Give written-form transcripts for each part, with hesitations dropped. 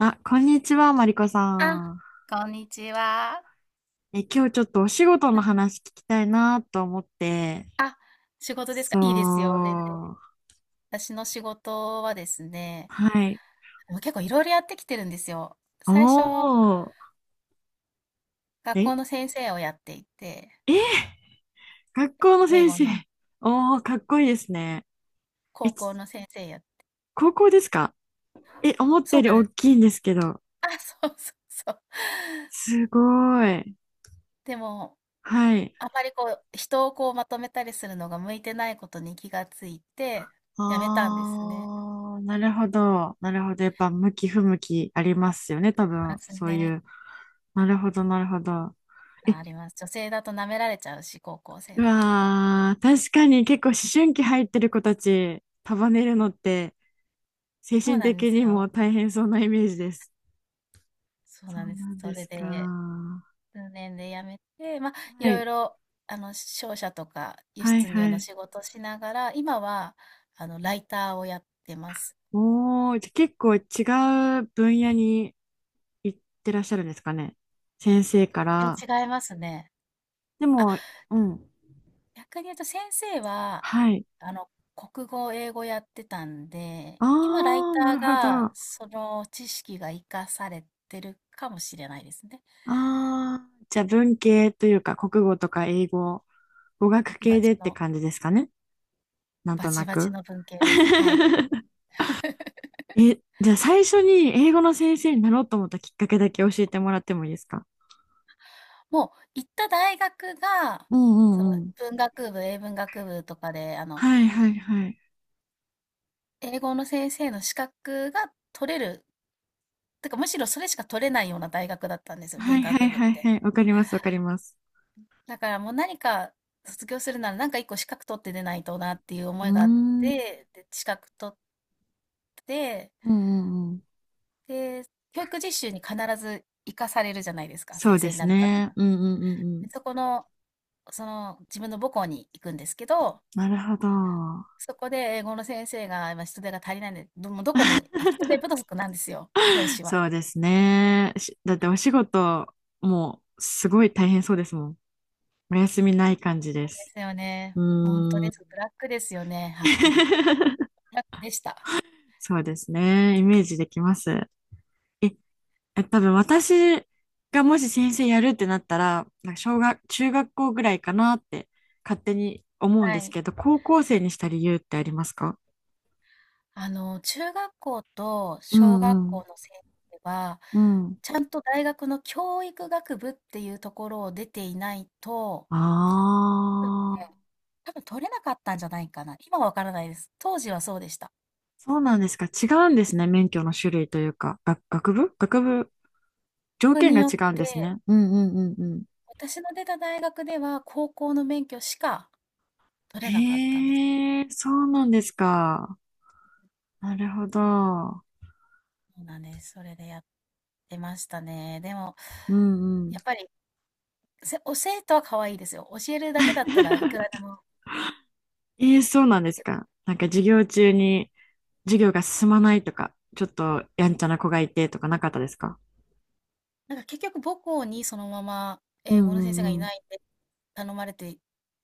あ、こんにちは、マリコあ、さん。こんにちは。今日ちょっとお仕事のはい。話聞きたいなと思って。あ、仕事ですか？そいいですよ、全然。う。私の仕事はですね、はい。もう結構いろいろやってきてるんですよ。最初、おー。学え、校の先生をやっていて、え、学校の英先語生。のおー、かっこいいですね。え、高ち校の先生や、高校ですか？思ったそうよりなん大です。きいんですけど。あ、そうそうそう。すごい。でも、はい。あまりこう、人をこうまとめたりするのが向いてないことに気がついて、やめたんですね。あー、なるほど。なるほど。やっぱ向き不向きありますよね、多ま分。すそういね。う。なるほど、なるほど。ありえ、ます。女性だと舐められちゃうし、高校生うだと。わー、確かに結構思春期入ってる子たち束ねるのって精そう神なんで的すによ。も大変そうなイメージです。そうそなんうです。なんそでれすか。で、は数年で辞めて、まあ、いろい。いろ、商社とか輸はい出入はのい。仕事しながら、今は、ライターをやってます。おー、じゃあ結構違う分野に行ってらっしゃるんですかね。先生か全ら。然違いますね。であ、も、うん。逆に言うと先生は、はい。あの、国語、英語やってたんで、今、ライあー、タなーるほど。が、あその知識が活かされてるかもしれないですね。ー、じゃあ文系というか国語とか英語、語学バチバ系チでっての、感じですかね。なんバとなチバチく。の文系です。はい。じゃあ最初に英語の先生になろうと思ったきっかけだけ教えてもらってもいいですか？もう行った大学が、うんうそのんうん。文学部、英文学部とかで、はいはいはい。英語の先生の資格が取れる、てかむしろそれしか取れないような大学だったんですよ、は文いは学い部っはいて。はい。わかりますわかります。だからもう何か卒業するなら何か一個資格取って出ないとなっていうう思いがあっん。うて、で、資格取って、ーん。うんうんうん。で、教育実習に必ず行かされるじゃないですか、そう先生でにすなるためにね。は。うんうんうんうでそん。この、その自分の母校に行くんですけど、なるほど。そこで英語の先生が、今人手が足りないんで、もうどこも人手不足なんですよ、教師は。そうですね。し、だってお仕事もうすごい大変そうですもん。お休みない感じでそうです。すよね。うほんとーです。ん。ブラックですよね、はっきり。ブラックでした。そうですね。イメージできます。え、多分私がもし先生やるってなったら、なんか小学、中学校ぐらいかなって勝手に思うんはですい。けど、高校生にした理由ってありますか？中学校とう小学んうん。校の先生は、うん。ちゃんと大学の教育学部っていうところを出ていないと、うん、ね、ああ、多分取れなかったんじゃないかな。今はわからないです。当時はそうでした。そうなんですか。違うんですね。免許の種類というか、学部、条学件にがよっ違うんですて、ね。うんうんうんうん。私の出た大学では高校の免許しか取れなかったんです。へえ、そうなんですか。なるほど。うん。そうなんです。それでやってましたね。でも、うんうん。やっぱり、教えとは可愛いですよ。教えるだけだったらいくらでも。ええ、そうなんでだすけど、か。なんか授業中に授業が進まないとか、ちょっとやんちゃな子がいてとかなかったですか？なんか結局母校にそのままう英ん語うの先生がんいうん。ないんで頼まれて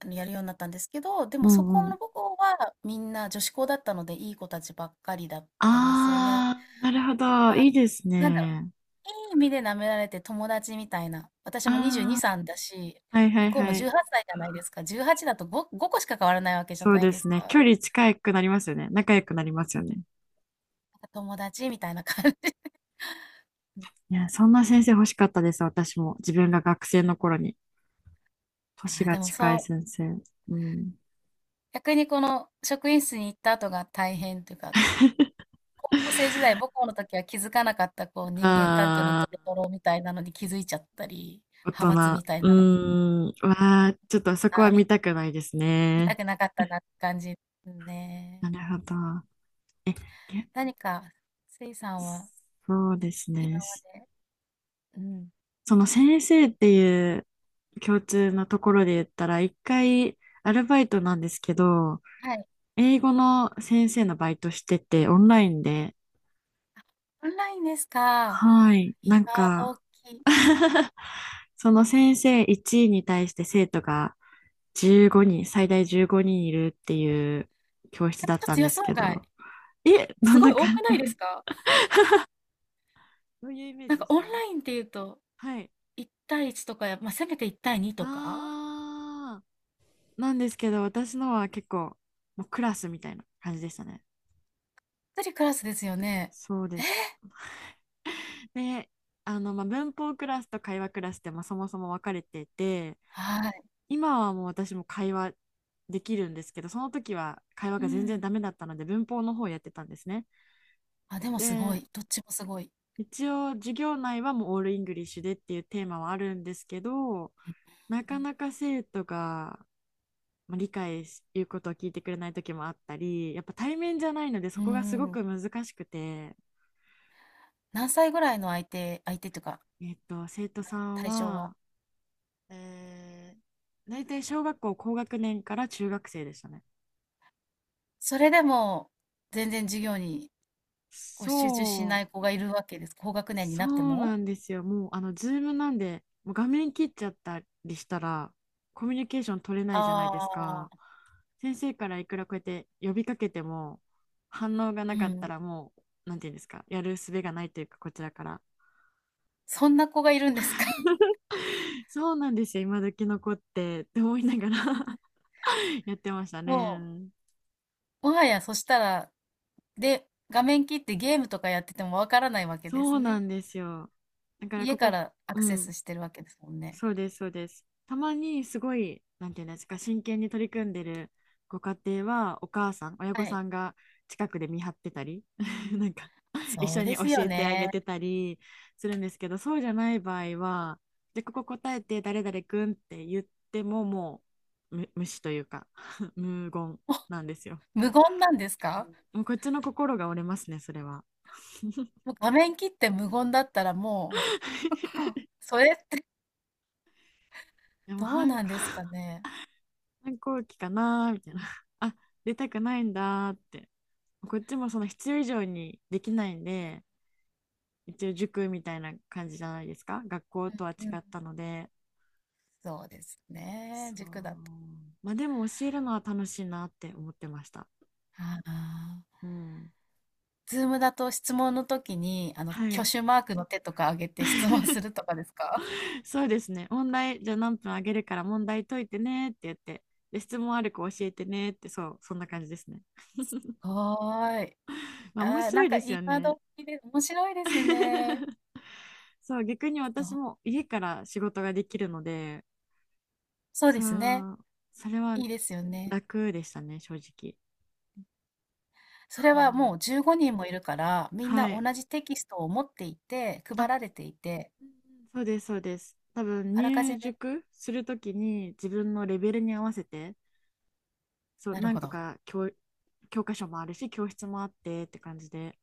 やるようになったんですけど、でうもそこんうのん。母校はみんな女子校だったのでいい子たちばっかりだったんですよね。ああ、なるほど。まいあ、いですなんだろね。う、いい意味で舐められて友達みたいな。私も22、あ歳だし、ー、はいは向いこうもはい。18歳じゃないですか。18だと5個しか変わらないわけじゃそうないでですすね。か。距な離近くなりますよね。仲良くなりますよね。んか友達みたいな感じ。いや、そんな先生欲しかったです。私も。自分が学生の頃に。年ああ、がでも近いそう、先生。うん。逆にこの職員室に行った後が大変というか、高校生時代母校の時は気づかなかったこう人間関係のあドロあ、ドロみたいなのに気づいちゃったり、大派閥人。みたいうなのに、ーん。わあ、ちょっとそこあはあ、見たくないです見ね。たくなかったなって感じですなね。るほど。え、何か、せいさんはそうです今ね。まで、うん、その先生っていう共通のところで言ったら、一回アルバイトなんですけど、はい。英語の先生のバイトしてて、オンラインで、オンラインですか。はい、今なんか 時。その先生1位に対して生徒が15人、最大15人いるっていう教室え、だっちょったとんで予す想け外。ど、え、どすんごいな多感くじ？ ないです か？どういうイメーなジんでかしオンた？ラインっていうと、はい。1対1とか、まあせめて1対2とかあー、なんですけど、私のは結構、もうクラスみたいな感じでしたね。一人クラスですよね。そうです。で、文法クラスと会話クラスって、まあ、そもそも分かれてて、はい。今はもう私も会話できるんですけど、その時は会話うが全然ん。ダメだったので、文法の方をやってたんですね。あ、でもすごで、い。どっちもすごい。一応、授業内はもうオールイングリッシュでっていうテーマはあるんですけど、なうかん。なか生徒が、まあ、理解し、いうことを聞いてくれない時もあったり、やっぱ対面じゃないので、そうこがすごん。く難しくて、何歳ぐらいの相手というか、生徒さん対象は。は、え大体小学校高学年から中学生でしたね。それでも、全然授業にこう集中しそなう、い子がいるわけです。高学年にそなってうなも？んですよ。もう、あの、ズームなんで、もう画面切っちゃったりしたら、コミュニケーション取れないじゃないですあか。あ、先生からいくらこうやって呼びかけても、反応がなうかったん。らもう、なんていうんですか、やる術がないというか、こちらから。そんな子がいるんですか？そうなんですよ、今時の子って、って思いながら やってましたもうね。もはやそしたら、で、画面切ってゲームとかやっててもわからないわけでそすうなね。んですよ。だからこ家かこ、らアクうセん、スしてるわけですもんね。そうです、そうです。たまにすごい、なんていうんですか、真剣に取り組んでるご家庭は、お母さん、親は御い。さんが近くで見張ってたり、なんか、一そう緒でに教すよえてあげね。てたりするんですけど、そうじゃない場合は、で、ここ答えて、誰々くんって言っても、もう、む、無視というか、無言なんですよ。無言なんですか？もうこっちの心が折れますね、それは。もう画面切って無言だったらもう、それってでも、どうなんですかね。反抗期かなーみたいな。あ、出たくないんだーって。こっちもその必要以上にできないんで、一応塾みたいな感じじゃないですか。学校とは違うんうん。ったので。そうですね、そ塾だう。と。まあでも教えるのは楽しいなって思ってました。ああ。うん。Zoom だと質問の時に、は挙い。手マークの手とか挙げて質問す るとかですか？そうですね。問題、じゃあ何分あげるから問題解いてねって言って、で、質問ある子教えてねって、そう、そんな感じですね。はーい。まああ面ー、白なんいかですよ今ね。時で面白いですね。そう、逆にそう、私も家から仕事ができるので、そうそですね。う、それはいいですよね。楽でしたね、正直。それうはもん、う15人もいるから、みんはない。同じテキストを持っていて、配あ、られていて、うん、そうです、そうです。多分あらかじ入め、塾するときに自分のレベルに合わせて、そう、なる何ほ個ど。か教、教科書もあるし、教室もあってって感じで。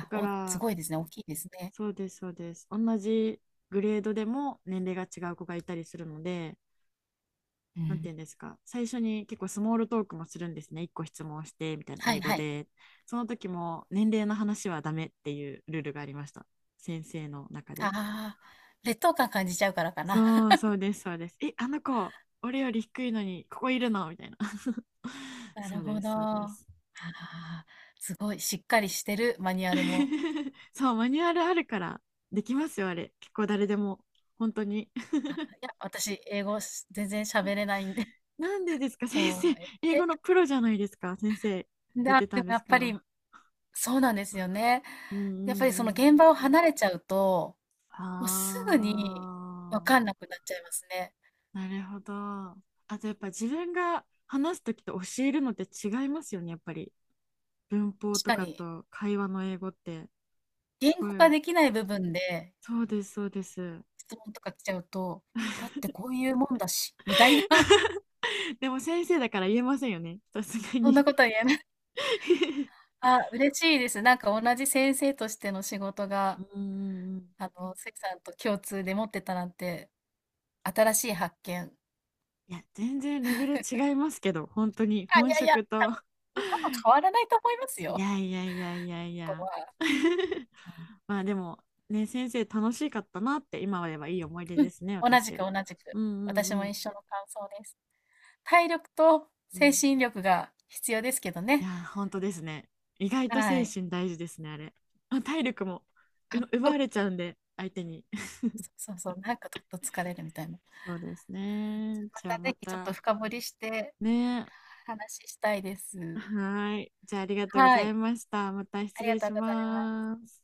だかお、すら、ごいですね。大きいですね。そうです、そうです。同じグレードでも年齢が違う子がいたりするので、うなんてん。いうんですか、最初に結構スモールトークもするんですね。1個質問してみたいなは英い語はい。で。その時も年齢の話はダメっていうルールがありました。先生の中で。ああ、劣等感感じちゃうからかな。そう そうです、そうです。え、あの子、俺より低いのにここいるのみたいな。なそるうでほど。す、そうであす。あ、すごい、しっかりしてるマニュアルも。そう、マニュアルあるからできますよ、あれ。結構誰でも。本当に。いや、私、英語全然喋れないんで、なんでで すか、先も生。う、英語のプロじゃないですか、先生。出てたでんもでやすっかぱり、ら。そうなんですよね。うんうやっぱんりうそのん。現場を離れちゃうと、あもうすぐに分あ、かんなくなっちゃいますね。なるほど。あとやっぱ自分が話すときと教えるのって違いますよね、やっぱり。文法確とかかに、と会話の英語って。言すご語化い。できない部分でそうです、そうです。質問とか来ちゃうと、だってこういうもんだし、みたいな、でも先生だから言えませんよね、さすがそんなに。ことは言えない。あ、嬉しいです。なんか同じ先生としての仕事うが、んうんうん。関さんと共通で持ってたなんて、新しい発見。いや、全然レベル違いますけど、本当にあ、い本やいや、職と。で多分変わらないと思いますいよ、やいやいやいやいここや。は。うん、まあでも、ね、先生楽しかったなって、今は言えばいい思い出うん、ですね、同じ私。く同じく。うんう私んもうん一緒の感想です。体力とう精ん。神力が必要ですけどいやね。ー、本当ですね。意外とは精い。神大事ですね、あれ。まあ、体力もう奪そわれちゃうんで、相手に。そうそうそう、なんかちょっと疲れるみたいな。そうですね。まじゃあたまぜひちょった、と深掘りしてね。話したいです。はーい。じゃあありがとうごはざいい、ました。また失ありが礼とうしございます。ます。